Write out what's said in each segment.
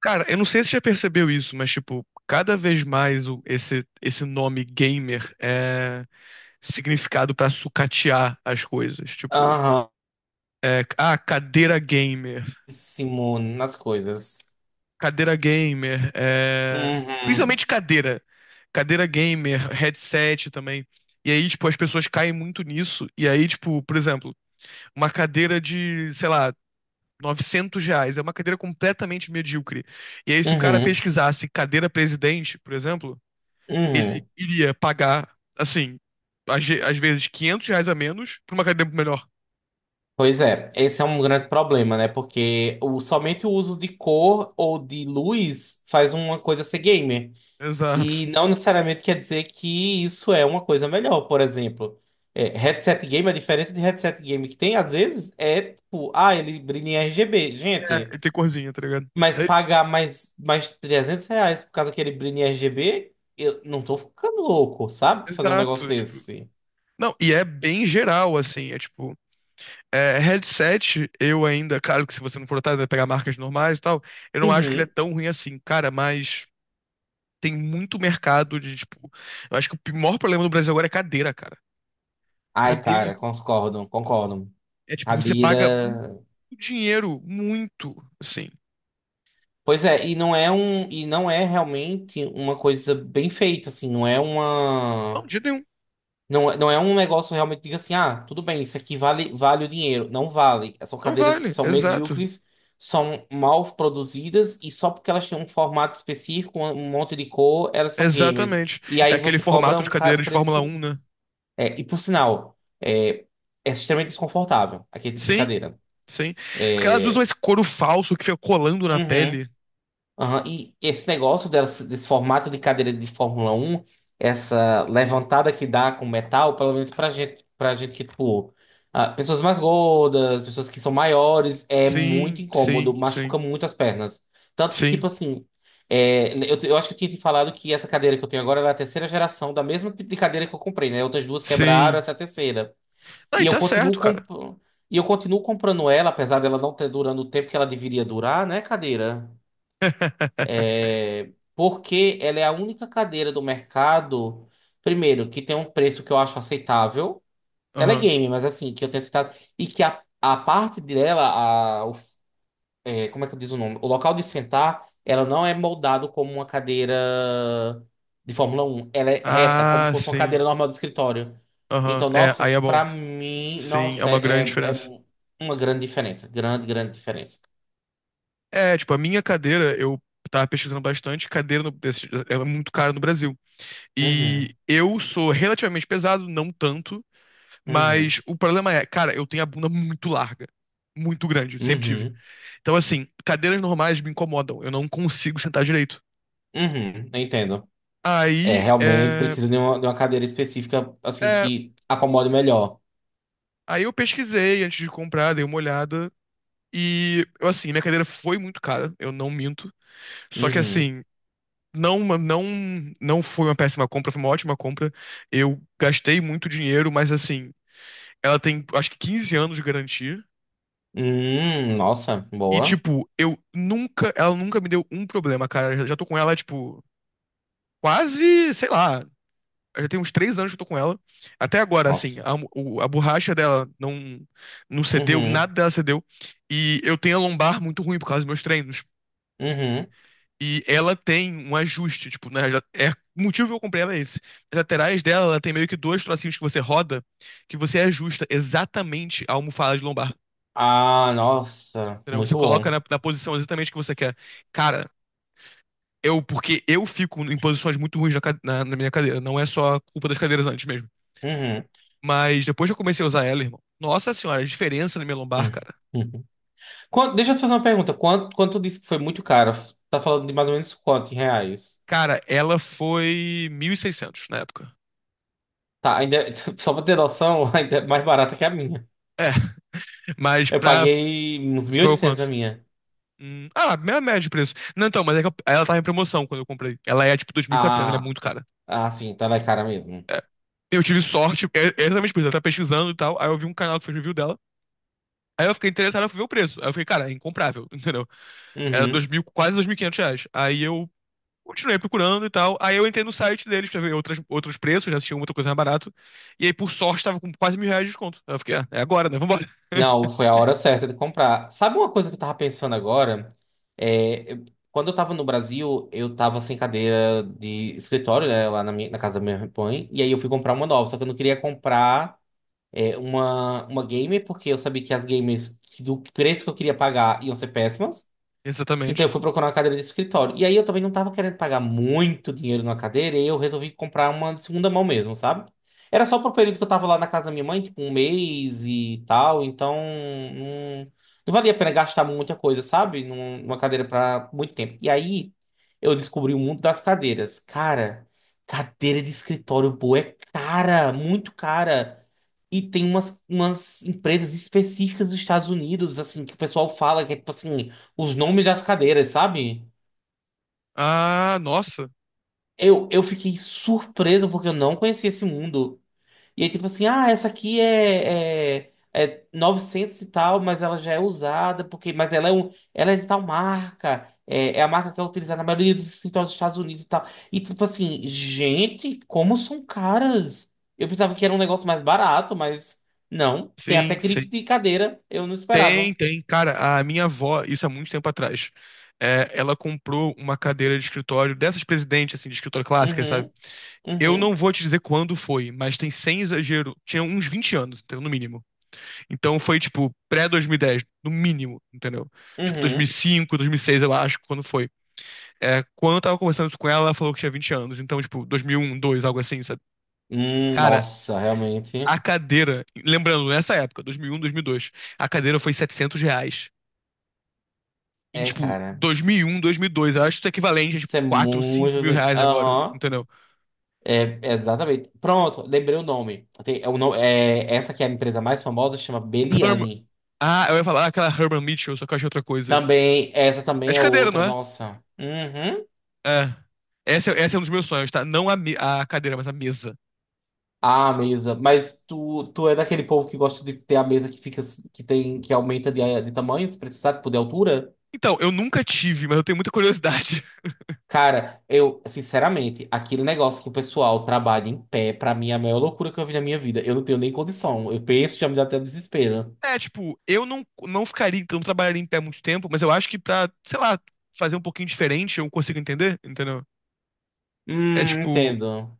Cara, eu não sei se você já percebeu isso, mas, tipo, cada vez mais esse nome gamer é significado pra sucatear as coisas. Tipo, Aham, é, ah, cadeira gamer, Simone, nas coisas. cadeira gamer, Uhum, principalmente cadeira, cadeira gamer, headset também. E aí, tipo, as pessoas caem muito nisso. E aí, tipo, por exemplo, uma cadeira de, sei lá, 900 reais, é uma cadeira completamente medíocre. E aí, se o cara uhum, pesquisasse cadeira presidente, por exemplo, ele uhum. iria pagar, assim, às vezes 500 reais a menos pra uma academia melhor. Pois é, esse é um grande problema, né? Porque o, somente o uso de cor ou de luz faz uma coisa ser gamer. Exato. E não necessariamente quer dizer que isso é uma coisa melhor. Por exemplo, headset game, a diferença de headset game que tem, às vezes, é tipo, ah, ele brilha em RGB. É, Gente. e tem corzinha, tá ligado? Mas É, pagar mais R$ 300 por causa daquele brilho RGB, eu não tô ficando louco, sabe? Fazer um negócio exato. Tipo, desse. não, e é bem geral, assim, é tipo. É, headset, eu ainda, claro que se você não for otário, vai pegar marcas normais e tal. Eu não acho que ele é Uhum. tão ruim assim, cara, mas tem muito mercado de, tipo. Eu acho que o maior problema do Brasil agora é cadeira, cara. Ai, Cadeira cara, concordo, concordo. é tipo, você paga muito Cadeira. dinheiro, muito, assim. Pois é, e não é um, e não é realmente uma coisa bem feita, assim, não é Não, uma. de jeito nenhum. Não, não é um negócio realmente, diga assim, ah, tudo bem, isso aqui vale, vale o dinheiro. Não vale. São Não cadeiras que vale, são exato. medíocres, são mal produzidas e só porque elas têm um formato específico, um monte de cor, elas são gamers. Exatamente. E É aí aquele você cobra formato de um, cadeira um de Fórmula preço. 1, né? É, e por sinal, é extremamente desconfortável aquele tipo de Sim, cadeira. sim. Porque elas usam É, esse couro falso que fica colando na uhum. pele. Aham. E esse negócio desse formato de cadeira de Fórmula 1, essa levantada que dá com metal, pelo menos pra gente que, tipo, ah, pessoas mais gordas, pessoas que são maiores, é muito Sim, incômodo, sim, machuca sim, muito as pernas. Tanto que, tipo sim, assim, eu acho que eu tinha te falado que essa cadeira que eu tenho agora era a terceira geração da mesma tipo de cadeira que eu comprei, né? Outras duas quebraram, sim. essa é a terceira. Aí E eu tá continuo certo, cara. comp... E eu continuo comprando ela, apesar dela não ter durando o tempo que ela deveria durar, né, cadeira? É, porque ela é a única cadeira do mercado, primeiro, que tem um preço que eu acho aceitável. Ela é Aham. game, mas assim, que eu tenho aceitado. E que a parte dela, a, o- como é que eu diz o nome? O local de sentar, ela não é moldado como uma cadeira de Fórmula 1. Ela é reta, como Ah, fosse uma sim. cadeira normal do escritório. Aham. Então, É, nossa, aí é isso bom. pra mim, Sim, é nossa, uma é, grande é diferença. é uma grande diferença. Grande, grande diferença. É, tipo, a minha cadeira, eu tava pesquisando bastante, cadeira no, é muito cara no Brasil. E Uhum, eu sou relativamente pesado, não tanto, uhum, mas o problema é, cara, eu tenho a bunda muito larga. Muito grande, sempre tive. uhum, Então, assim, cadeiras normais me incomodam. Eu não consigo sentar direito. uhum. Entendo. É, Aí, realmente precisa de uma, cadeira específica, assim, é, que acomode melhor. aí eu pesquisei antes de comprar, dei uma olhada. E, eu, assim, minha cadeira foi muito cara, eu não minto. Só que, Uhum. assim, não, não foi uma péssima compra, foi uma ótima compra. Eu gastei muito dinheiro, mas, assim, ela tem, acho que 15 anos de garantia. Nossa, E, boa. tipo, eu nunca. Ela nunca me deu um problema, cara. Eu já tô com ela, tipo, quase, sei lá. Já tem uns três anos que eu tô com ela. Até agora, assim, Nossa. A borracha dela não, não cedeu, nada Uhum. dela cedeu. E eu tenho a lombar muito ruim por causa dos meus treinos. Uhum. E ela tem um ajuste, tipo, né? É, o motivo que eu comprei ela é esse. As laterais dela, ela tem meio que dois trocinhos que você roda, que você ajusta exatamente a almofada de lombar. Ah, nossa, Entendeu? Você muito coloca bom. na posição exatamente que você quer. Cara, eu, porque eu fico em posições muito ruins na minha cadeira. Não é só a culpa das cadeiras antes mesmo. Uhum. Mas depois que eu comecei a usar ela, irmão, nossa senhora, a diferença na minha lombar, cara. Uhum. Deixa eu te fazer uma pergunta. Quanto tu disse que foi muito caro? Tá falando de mais ou menos quanto em reais? Cara, ela foi 1.600 na época. Tá, ainda, só pra ter noção, ainda é mais barata que a minha. É, mas Eu pra. paguei uns Você mil e pagou oitocentos a quanto? minha. Minha média de preço. Não, então, mas é que ela tava em promoção quando eu comprei. Ela é tipo 2.400, ela é Ah, muito cara. ah, sim, tá lá cara mesmo. É. Eu tive sorte, é exatamente por isso. Eu tava pesquisando e tal. Aí eu vi um canal que fez review dela. Aí eu fiquei interessado, eu fui ver o preço. Aí eu fiquei, cara, é incomprável, entendeu? Era dois Uhum. mil quase dois mil e quinhentos reais. Aí eu continuei procurando e tal. Aí eu entrei no site deles pra ver outros preços, já tinha muita coisa mais barato. E aí, por sorte, tava com quase 1.000 reais de desconto. Aí eu fiquei, ah, é agora, né? Vambora. Não, foi a hora certa de comprar. Sabe uma coisa que eu tava pensando agora? É, quando eu tava no Brasil, eu tava sem cadeira de escritório, né, lá na casa da minha mãe, e aí eu fui comprar uma nova, só que eu não queria comprar uma gamer, porque eu sabia que as gamers do preço que eu queria pagar iam ser péssimas. Então eu Exatamente. fui procurar uma cadeira de escritório. E aí eu também não tava querendo pagar muito dinheiro numa cadeira, e eu resolvi comprar uma de segunda mão mesmo, sabe? Era só pro período que eu tava lá na casa da minha mãe, tipo um mês e tal, então não, não valia a pena gastar muita coisa, sabe? Numa cadeira pra muito tempo. E aí eu descobri o mundo das cadeiras. Cara, cadeira de escritório boa é cara, muito cara. E tem umas empresas específicas dos Estados Unidos, assim, que o pessoal fala que é tipo assim os nomes das cadeiras, sabe? Ah, nossa. Eu fiquei surpreso porque eu não conhecia esse mundo. E aí, tipo assim, ah, essa aqui é, é 900 e tal, mas ela já é usada, porque, mas ela é, ela é de tal marca, é a marca que é utilizada na maioria dos escritórios dos Estados Unidos e tal. E tipo assim, gente, como são caras? Eu pensava que era um negócio mais barato, mas não. Tem até Sim, grife sim. de cadeira, eu não esperava. Tem, tem. Cara, a minha avó, isso há muito tempo atrás, ela comprou uma cadeira de escritório dessas presidentes, assim, de escritório clássica, sabe? Uhum, Eu não uhum, vou te dizer quando foi, mas tem sem exagero, tinha uns 20 anos, então, no mínimo. Então foi, tipo, pré 2010 no mínimo, entendeu? Tipo, uhum. 2005, seis eu acho, quando foi. É, quando eu tava conversando isso com ela, ela falou que tinha 20 anos. Então, tipo, 2001, dois mil e um, dois, algo assim, sabe? Cara, Nossa, realmente. a cadeira... Lembrando, nessa época, um 2001, dois, a cadeira foi 700 reais. Em, É, tipo, cara. 2001, 2002, eu acho que isso é equivalente a, tipo, Isso é quatro, 5 muito. mil reais agora, Aham. entendeu? É, exatamente. Pronto, lembrei o nome. Tem, é, o no- é, essa que é a empresa mais famosa chama Herm... Beliane. Ah, eu ia falar aquela Herman Mitchell, só que eu achei outra coisa. Também, essa É também de é cadeira, não outra, é? nossa. Uhum. É. Essa é um dos meus sonhos, tá? Não a cadeira, mas a mesa. Ah, a mesa. Mas tu é daquele povo que gosta de ter a mesa que fica, que tem, que aumenta de tamanho, se precisar, tipo, de altura? Então, eu nunca tive, mas eu tenho muita curiosidade. Cara, eu, sinceramente, aquele negócio que o pessoal trabalha em pé, pra mim é a maior loucura que eu vi na minha vida. Eu não tenho nem condição. Eu penso, já me dá até desespero. É, tipo, eu não, não ficaria, então, não trabalharia em pé muito tempo, mas eu acho que pra, sei lá, fazer um pouquinho diferente, eu consigo entender, entendeu? É tipo, Entendo.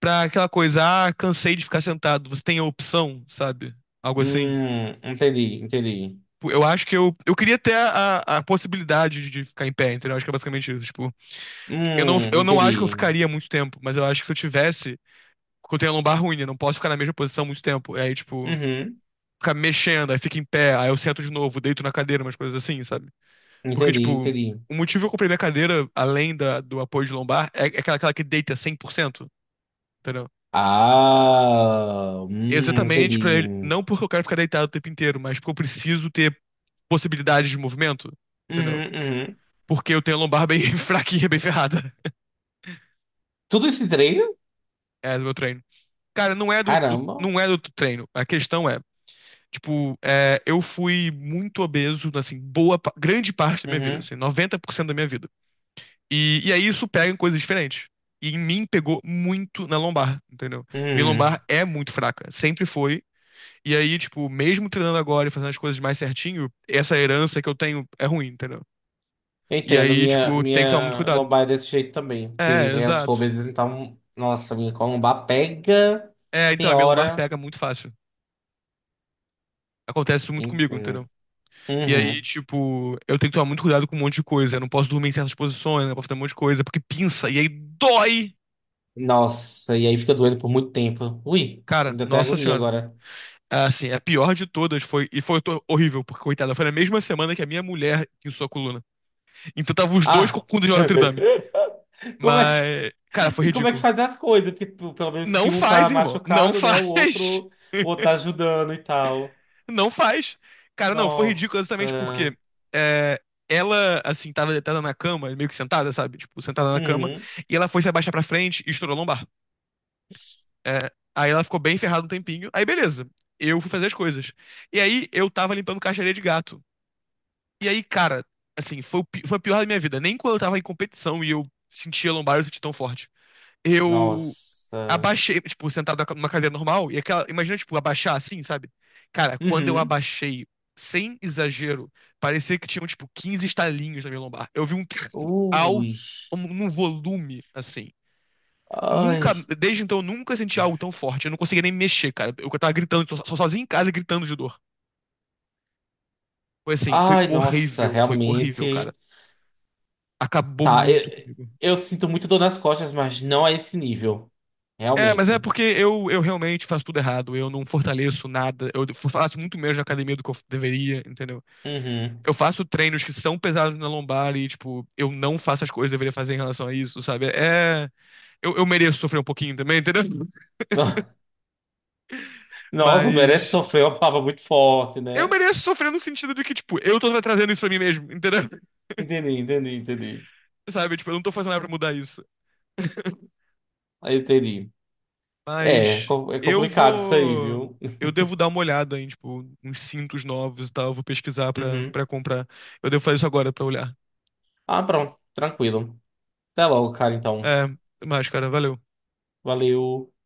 pra aquela coisa, ah, cansei de ficar sentado, você tem a opção, sabe? Algo assim. Entendi, entendi. Tipo, eu acho que eu queria ter a possibilidade de ficar em pé, entendeu? Acho que é basicamente isso. Tipo, eu não acho que eu Entendi. ficaria muito tempo, mas eu acho que se eu tivesse, porque eu tenho a lombar ruim, eu não posso ficar na mesma posição muito tempo. E aí, tipo, Uhum, ficar mexendo, aí fica em pé, aí eu sento de novo, deito na cadeira, umas coisas assim, sabe? Porque, entendi, tipo, entendi. o motivo que eu comprei minha cadeira, além do apoio de lombar, é aquela que deita 100%, entendeu? Ah, Exatamente pra entendi. ele. Uhum, Não porque eu quero ficar deitado o tempo inteiro, mas porque eu preciso ter possibilidades de movimento, entendeu? uhum. Porque eu tenho a lombar bem fraquinha, bem ferrada. Tudo esse treino? É do meu treino. Cara, não é Caramba. não é do treino. A questão é, tipo, eu fui muito obeso, assim, grande parte da minha vida, Uhum, assim, 90% da minha vida. E aí isso pega em coisas diferentes. E em mim pegou muito na lombar, entendeu? Minha uhum. lombar é muito fraca, sempre foi. E aí, tipo, mesmo treinando agora e fazendo as coisas mais certinho, essa herança que eu tenho é ruim, entendeu? Eu E entendo, aí, minha, tipo, tem que tomar muito minha cuidado. lombar é desse jeito também, porque É, né, eu sou exato. obeso, então, nossa, minha lombar pega, É, então, tem a minha lombar hora. pega muito fácil. Acontece isso muito comigo, entendeu? Entendo. E aí, Uhum. tipo, eu tenho que tomar muito cuidado com um monte de coisa. Eu não posso dormir em certas posições, eu não posso fazer um monte de coisa, porque pinça, e aí dói. Nossa, e aí fica doendo por muito tempo. Ui, Cara, ainda tem nossa agonia senhora. agora. Assim, a pior de todas foi. E foi horrível, porque, coitada, foi na mesma semana que a minha mulher pinçou a coluna. Então tava os dois com Ah! coluna de Notre Dame. Como é que, Mas, cara, foi como é que ridículo. faz as coisas? Porque, tipo, pelo menos se Não um tá faz, irmão. Não machucado, né? O faz. outro, o outro tá ajudando e tal. Não faz. Cara, não, foi ridículo exatamente Nossa. porque é, ela, assim, tava deitada na cama, meio que sentada, sabe? Tipo, sentada na cama. Uhum. E ela foi se abaixar pra frente e estourou a lombar. É, aí ela ficou bem ferrada um tempinho. Aí, beleza. Eu fui fazer as coisas. E aí, eu tava limpando caixa de areia de gato. E aí, cara, assim, foi a pior da minha vida. Nem quando eu tava em competição e eu sentia lombar, eu senti tão forte. Eu Nossa. abaixei, tipo, sentado numa cadeira normal, e aquela. Imagina, tipo, abaixar assim, sabe? Cara, quando eu Uhum. abaixei, sem exagero, parecia que tinham, tipo, 15 estalinhos na minha lombar. Eu vi um alto, Ui. Num volume, assim. Nunca, Ai. desde então, eu nunca senti algo tão forte. Eu não conseguia nem mexer, cara. Eu tava gritando, sozinho em casa, gritando de dor. Foi assim, Ai, nossa, foi horrível, cara. realmente. Acabou Tá, muito eu, comigo. eu sinto muito dor nas costas, mas não a esse nível. É, mas é Realmente. porque eu realmente faço tudo errado. Eu não fortaleço nada. Eu faço muito menos na academia do que eu deveria, entendeu? Uhum. Eu faço treinos que são pesados na lombar e, tipo, eu não faço as coisas que eu deveria fazer em relação a isso, sabe? É. Eu mereço sofrer um pouquinho também, entendeu? Nossa, merece Mas. sofrer uma palavra muito forte, Eu né? mereço sofrer no sentido de que, tipo, eu tô trazendo isso pra mim mesmo, entendeu? Entendi, entendi, entendi. Sabe? Tipo, eu não tô fazendo nada pra mudar isso. Aí eu entendi. É, é Mas. co- é Eu complicado isso aí, vou. viu? Eu devo dar uma olhada em, tipo, uns cintos novos e tal. Eu vou pesquisar pra, Uhum. pra comprar. Eu devo fazer isso agora pra olhar. Ah, pronto. Tranquilo. Até logo, cara, então. É, até mais, cara. Valeu. Valeu.